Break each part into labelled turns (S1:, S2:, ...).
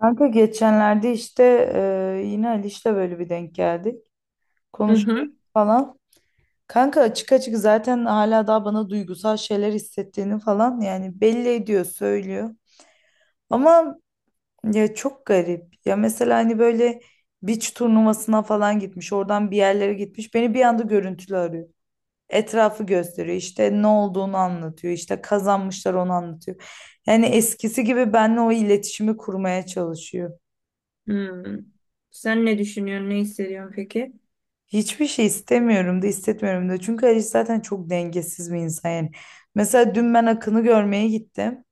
S1: Kanka geçenlerde işte yine Ali işte böyle bir denk geldik.
S2: Hı
S1: Konuştuk
S2: hı.
S1: falan. Kanka açık açık zaten hala daha bana duygusal şeyler hissettiğini falan yani belli ediyor, söylüyor. Ama ya çok garip. Ya mesela hani böyle beach turnuvasına falan gitmiş, oradan bir yerlere gitmiş. Beni bir anda görüntülü arıyor. Etrafı gösteriyor. İşte ne olduğunu anlatıyor. İşte kazanmışlar, onu anlatıyor. Yani eskisi gibi benimle o iletişimi kurmaya çalışıyor.
S2: Hmm. Sen ne düşünüyorsun, ne hissediyorsun peki?
S1: Hiçbir şey istemiyorum da hissetmiyorum da. Çünkü Ali zaten çok dengesiz bir insan yani. Mesela dün ben Akın'ı görmeye gittim.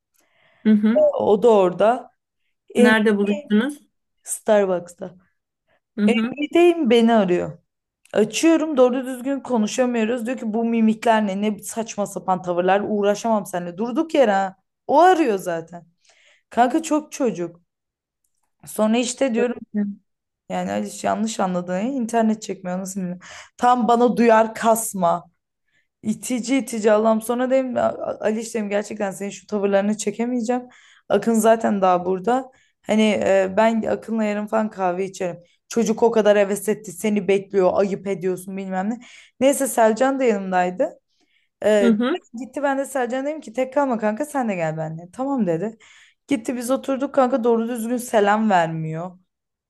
S2: Hı hı.
S1: O da orada. Em
S2: Nerede buluştunuz?
S1: Starbucks'ta.
S2: Hı hı.
S1: Gideyim, beni arıyor. Açıyorum, doğru düzgün konuşamıyoruz. Diyor ki bu mimikler ne saçma sapan tavırlar, uğraşamam seninle. Durduk yere, ha. O arıyor zaten. Kanka çok çocuk. Sonra işte diyorum,
S2: Böyle.
S1: yani Aliş yanlış anladın. Ya, İnternet çekmiyor, nasıl bilmiyorum. Tam bana duyar kasma. İtici itici Allah'ım. Sonra dedim, Ali, işlerim gerçekten, senin şu tavırlarını çekemeyeceğim. Akın zaten daha burada. Hani, ben Akın'la yarın falan kahve içerim. Çocuk o kadar heves etti, seni bekliyor, ayıp ediyorsun, bilmem ne." Neyse, Selcan da yanımdaydı.
S2: Hı
S1: E,
S2: hı.
S1: gitti ben de Selcan, dedim ki, tek kalma kanka, sen de gel benimle. Tamam dedi. Gitti, biz oturduk, kanka doğru düzgün selam vermiyor.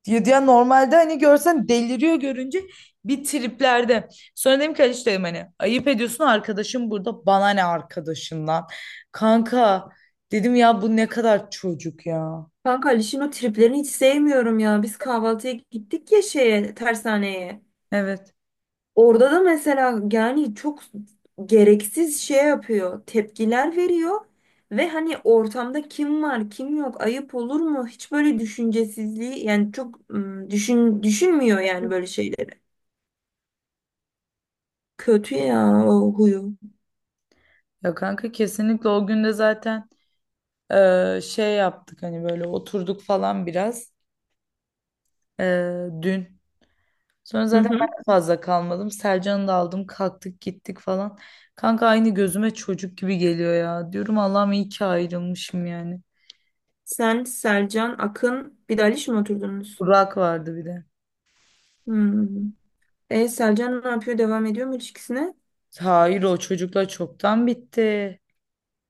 S1: Diyor ya, normalde hani görsen deliriyor görünce, bir triplerde. Sonra dedim ki Aliç, dedim hani ayıp ediyorsun, arkadaşım burada, bana ne arkadaşından. Kanka, dedim ya, bu ne kadar çocuk ya.
S2: Kanka Aliş'in o triplerini hiç sevmiyorum ya. Biz kahvaltıya gittik ya şeye, tersaneye.
S1: Evet,
S2: Orada da mesela yani çok gereksiz şey yapıyor. Tepkiler veriyor. Ve hani ortamda kim var, kim yok, ayıp olur mu? Hiç böyle düşüncesizliği yani çok düşünmüyor yani böyle şeyleri. Kötü ya o huyu.
S1: ya kanka kesinlikle. O gün de zaten şey yaptık, hani böyle oturduk falan biraz, e, dün. Sonra
S2: Hı
S1: zaten
S2: hı.
S1: ben de fazla kalmadım. Sercan'ı da aldım, kalktık gittik falan. Kanka aynı, gözüme çocuk gibi geliyor ya. Diyorum Allah'ım, iyi ki ayrılmışım yani.
S2: Sen, Selcan, Akın, bir de Aliş mi oturdunuz?
S1: Burak vardı bir de.
S2: Hmm. Selcan ne yapıyor? Devam ediyor mu ilişkisine?
S1: Hayır, o çocuklar çoktan bitti.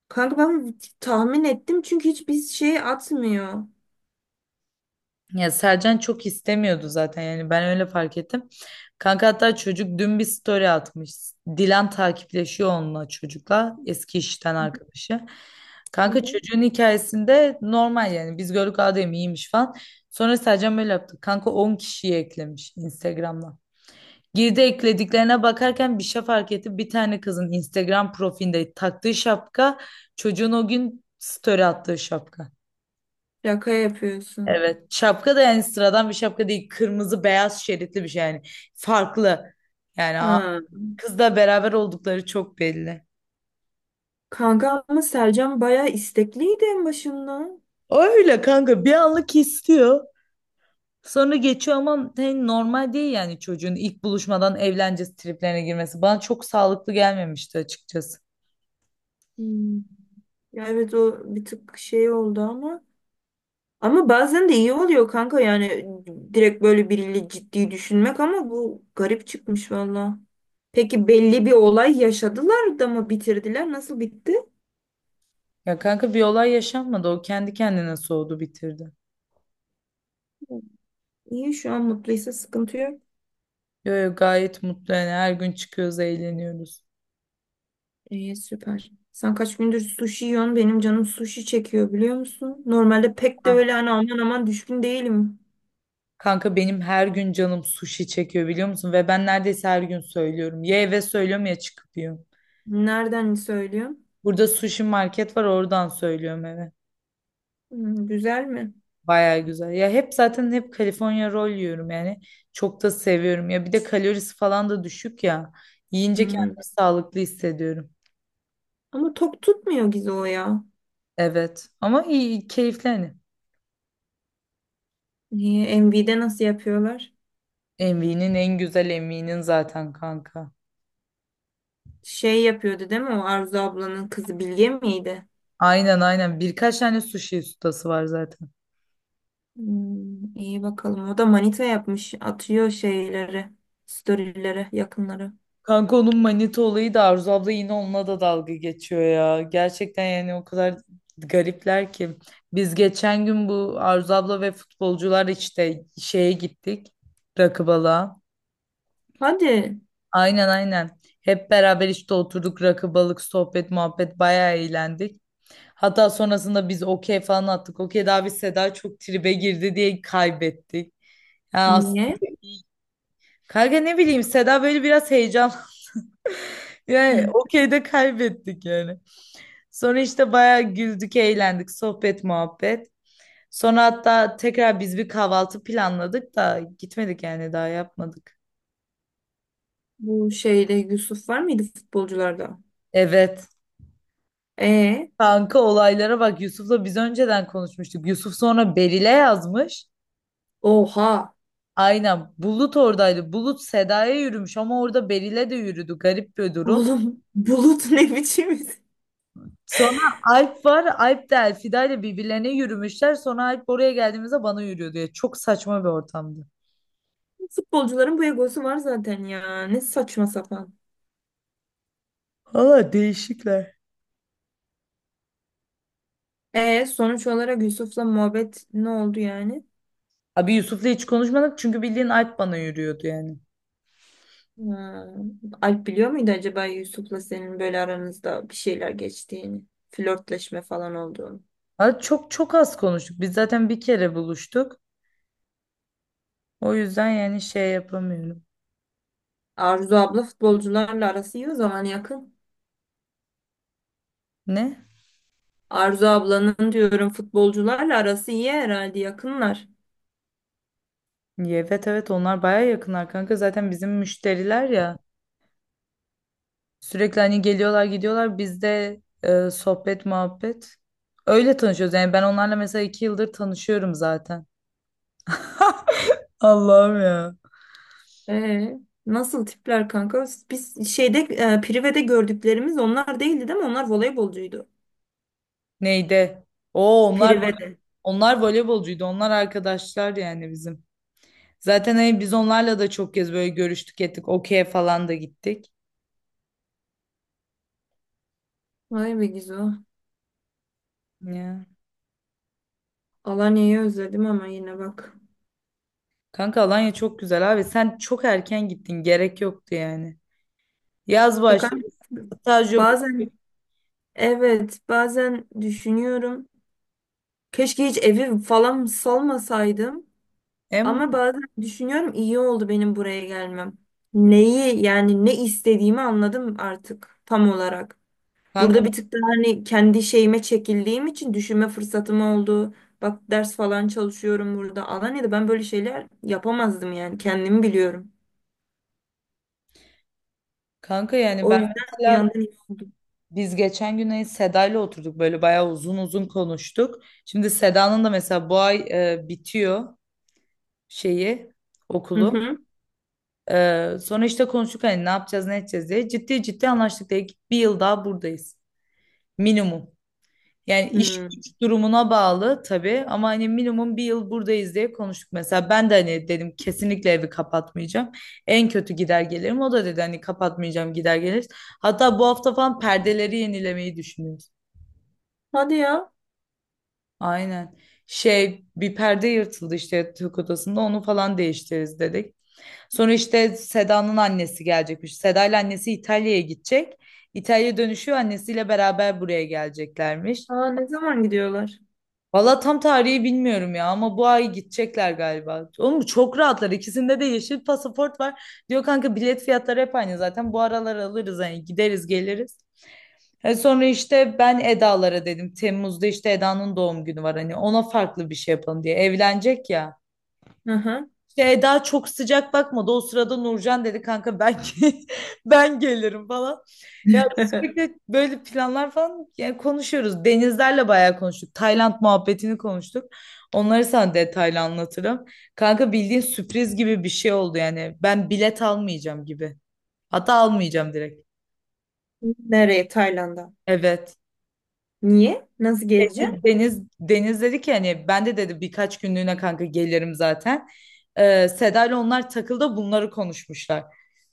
S2: Kanka ben tahmin ettim çünkü hiçbir şey atmıyor. Hı
S1: Ya Sercan çok istemiyordu zaten, yani ben öyle fark ettim. Kanka hatta çocuk dün bir story atmış. Dilan takipleşiyor onunla, çocukla eski işten arkadaşı. Kanka
S2: hı.
S1: çocuğun hikayesinde normal yani, biz gördük, adem iyiymiş falan. Sonra Sercan böyle yaptı. Kanka 10 kişiyi eklemiş Instagram'dan. Girdi, eklediklerine bakarken bir şey fark etti. Bir tane kızın Instagram profilinde taktığı şapka, çocuğun o gün story attığı şapka.
S2: Şaka yapıyorsun.
S1: Evet. Şapka da yani sıradan bir şapka değil. Kırmızı beyaz şeritli bir şey yani. Farklı. Yani
S2: Ha.
S1: kızla beraber oldukları çok belli.
S2: Kanka ama Selcan bayağı istekliydi en başında.
S1: Öyle kanka, bir anlık istiyor. Sonra geçiyor ama hani normal değil yani, çocuğun ilk buluşmadan evlence triplerine girmesi. Bana çok sağlıklı gelmemişti açıkçası.
S2: Hmm. Ya evet o bir tık şey oldu ama. Ama bazen de iyi oluyor kanka yani direkt böyle biriyle ciddi düşünmek ama bu garip çıkmış valla. Peki belli bir olay yaşadılar da mı bitirdiler? Nasıl bitti?
S1: Ya kanka, bir olay yaşanmadı. O kendi kendine soğudu, bitirdi.
S2: İyi şu an mutluysa sıkıntı yok.
S1: Yo, yo, gayet mutlu yani, her gün çıkıyoruz, eğleniyoruz.
S2: İyi süper. Sen kaç gündür sushi yiyorsun? Benim canım sushi çekiyor biliyor musun? Normalde pek de
S1: Ha,
S2: öyle hani aman aman düşkün değilim.
S1: kanka benim her gün canım sushi çekiyor, biliyor musun? Ve ben neredeyse her gün söylüyorum. Ya eve söylüyorum, ya çıkıp yiyorum.
S2: Nereden söylüyorsun?
S1: Burada sushi market var, oradan söylüyorum eve.
S2: Hmm, güzel mi?
S1: Baya güzel. Ya hep zaten, hep California roll yiyorum yani. Çok da seviyorum. Ya bir de kalorisi falan da düşük ya. Yiyince
S2: Hmm.
S1: kendimi sağlıklı hissediyorum.
S2: Ama tok tutmuyor Gizo ya.
S1: Evet. Ama iyi, keyifli hani.
S2: Niye? MV'de nasıl yapıyorlar?
S1: Envy'nin en güzel, Envy'nin zaten kanka.
S2: Şey yapıyordu değil mi o Arzu ablanın kızı Bilge miydi?
S1: Aynen, aynen. Birkaç tane sushi ustası var zaten.
S2: Hmm, iyi bakalım. O da manita yapmış. Atıyor şeyleri, storylere, yakınları.
S1: Kanka onun manita olayı da, Arzu abla yine onunla da dalga geçiyor ya. Gerçekten yani o kadar garipler ki. Biz geçen gün bu Arzu abla ve futbolcular işte şeye gittik. Rakı balığa.
S2: Hadi.
S1: Aynen, aynen. Hep beraber işte oturduk, rakı balık, sohbet muhabbet, bayağı eğlendik. Hatta sonrasında biz okey falan attık. Okey daha bir, Seda çok tribe girdi diye kaybettik. Ya as-
S2: Niye?
S1: Kanka ne bileyim, Seda böyle biraz heyecan. Yani okeyde kaybettik yani. Sonra işte bayağı güldük, eğlendik, sohbet, muhabbet. Sonra hatta tekrar biz bir kahvaltı planladık da gitmedik, yani daha yapmadık.
S2: Bu şeyde Yusuf var mıydı futbolcularda?
S1: Evet.
S2: E,
S1: Kanka olaylara bak, Yusuf'la biz önceden konuşmuştuk. Yusuf sonra Beril'e yazmış.
S2: oha.
S1: Aynen. Bulut oradaydı. Bulut Seda'ya yürümüş ama orada Beril'e de yürüdü. Garip bir durum.
S2: Oğlum Bulut ne biçim isim?
S1: Sonra Alp var. Alp de Elfida ile birbirlerine yürümüşler. Sonra Alp, oraya geldiğimizde bana yürüyor diye. Çok saçma bir ortamdı.
S2: Futbolcuların bu egosu var zaten ya. Ne saçma sapan.
S1: Valla değişikler.
S2: E sonuç olarak Yusuf'la muhabbet ne oldu yani?
S1: Abi Yusuf'la hiç konuşmadık, çünkü bildiğin Alp bana yürüyordu yani.
S2: Ha. Alp biliyor muydu acaba Yusuf'la senin böyle aranızda bir şeyler geçtiğini? Flörtleşme falan olduğunu.
S1: Abi çok çok az konuştuk. Biz zaten bir kere buluştuk. O yüzden yani şey yapamıyorum.
S2: Arzu abla futbolcularla arası iyi o zaman yakın.
S1: Ne?
S2: Arzu ablanın diyorum futbolcularla arası iyi herhalde yakınlar.
S1: Evet, evet, onlar baya yakınlar kanka. Zaten bizim müşteriler ya. Sürekli hani geliyorlar, gidiyorlar. Biz de sohbet muhabbet. Öyle tanışıyoruz. Yani ben onlarla mesela 2 yıldır tanışıyorum zaten. Allah'ım ya.
S2: Ee, nasıl tipler kanka? Biz şeyde Prive'de gördüklerimiz onlar değildi değil mi? Onlar voleybolcuydu.
S1: Neydi? Oo, onlar
S2: Prive'de.
S1: onlar voleybolcuydu. Onlar arkadaşlar yani bizim. Zaten hani biz onlarla da çok kez böyle görüştük, ettik. Okey'e falan da gittik.
S2: Vay be Gizo.
S1: Ya.
S2: Alanya'yı özledim ama yine bak.
S1: Kanka Alanya çok güzel abi. Sen çok erken gittin. Gerek yoktu yani. Yaz
S2: Ya
S1: başladı.
S2: kanka,
S1: Staj yok.
S2: bazen evet bazen düşünüyorum. Keşke hiç evi falan salmasaydım.
S1: Em
S2: Ama bazen düşünüyorum iyi oldu benim buraya gelmem. Neyi yani ne istediğimi anladım artık tam olarak.
S1: kanka
S2: Burada bir tık daha hani kendi şeyime çekildiğim için düşünme fırsatım oldu. Bak ders falan çalışıyorum burada. Alanya'da ben böyle şeyler yapamazdım yani kendimi biliyorum.
S1: kanka yani
S2: O
S1: ben
S2: yüzden bir
S1: mesela,
S2: yandan iyi oldu.
S1: biz geçen gün hani Seda'yla oturduk, böyle bayağı uzun uzun konuştuk. Şimdi Seda'nın da mesela bu ay bitiyor şeyi,
S2: Hı
S1: okulu.
S2: hı.
S1: Sonra işte konuştuk hani ne yapacağız, ne edeceğiz diye. Ciddi ciddi anlaştık, dedik ki bir yıl daha buradayız. Minimum. Yani iş
S2: Hmm.
S1: güç durumuna bağlı tabii, ama hani minimum bir yıl buradayız diye konuştuk. Mesela ben de hani dedim, kesinlikle evi kapatmayacağım. En kötü gider gelirim. O da dedi hani kapatmayacağım, gider geliriz. Hatta bu hafta falan perdeleri yenilemeyi düşünüyoruz.
S2: Hadi ya.
S1: Aynen. Şey, bir perde yırtıldı işte yatak odasında, onu falan değiştiririz dedik. Sonra işte Seda'nın annesi gelecekmiş. Seda annesi İtalya'ya gidecek. İtalya dönüşüyor annesiyle beraber buraya geleceklermiş.
S2: Aa, ne zaman gidiyorlar?
S1: Valla tam tarihi bilmiyorum ya, ama bu ay gidecekler galiba. Oğlum çok rahatlar. İkisinde de yeşil pasaport var. Diyor kanka, bilet fiyatları hep aynı zaten. Bu aralar alırız hani, gideriz geliriz. E sonra işte ben Eda'lara dedim. Temmuz'da işte Eda'nın doğum günü var, hani ona farklı bir şey yapalım diye. Evlenecek ya.
S2: Hı hı.
S1: İşte Eda çok sıcak bakmadı. O sırada Nurcan dedi, kanka ben gelirim falan. Ya sürekli böyle planlar falan yani konuşuyoruz. Denizlerle bayağı konuştuk. Tayland muhabbetini konuştuk. Onları sana detaylı anlatırım. Kanka bildiğin sürpriz gibi bir şey oldu yani. Ben bilet almayacağım gibi. Hatta almayacağım direkt.
S2: Nereye? Tayland'a.
S1: Evet.
S2: Niye? Nasıl geleceğim?
S1: Deniz dedi ki, hani ben de dedi birkaç günlüğüne kanka gelirim zaten. Seda ile onlar takıldı, bunları konuşmuşlar.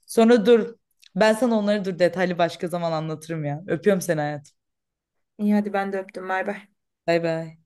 S1: Sonra dur, ben sana onları dur detaylı başka zaman anlatırım ya. Öpüyorum seni hayatım.
S2: İyi hadi ben de öptüm. Bay bay.
S1: Bay bay.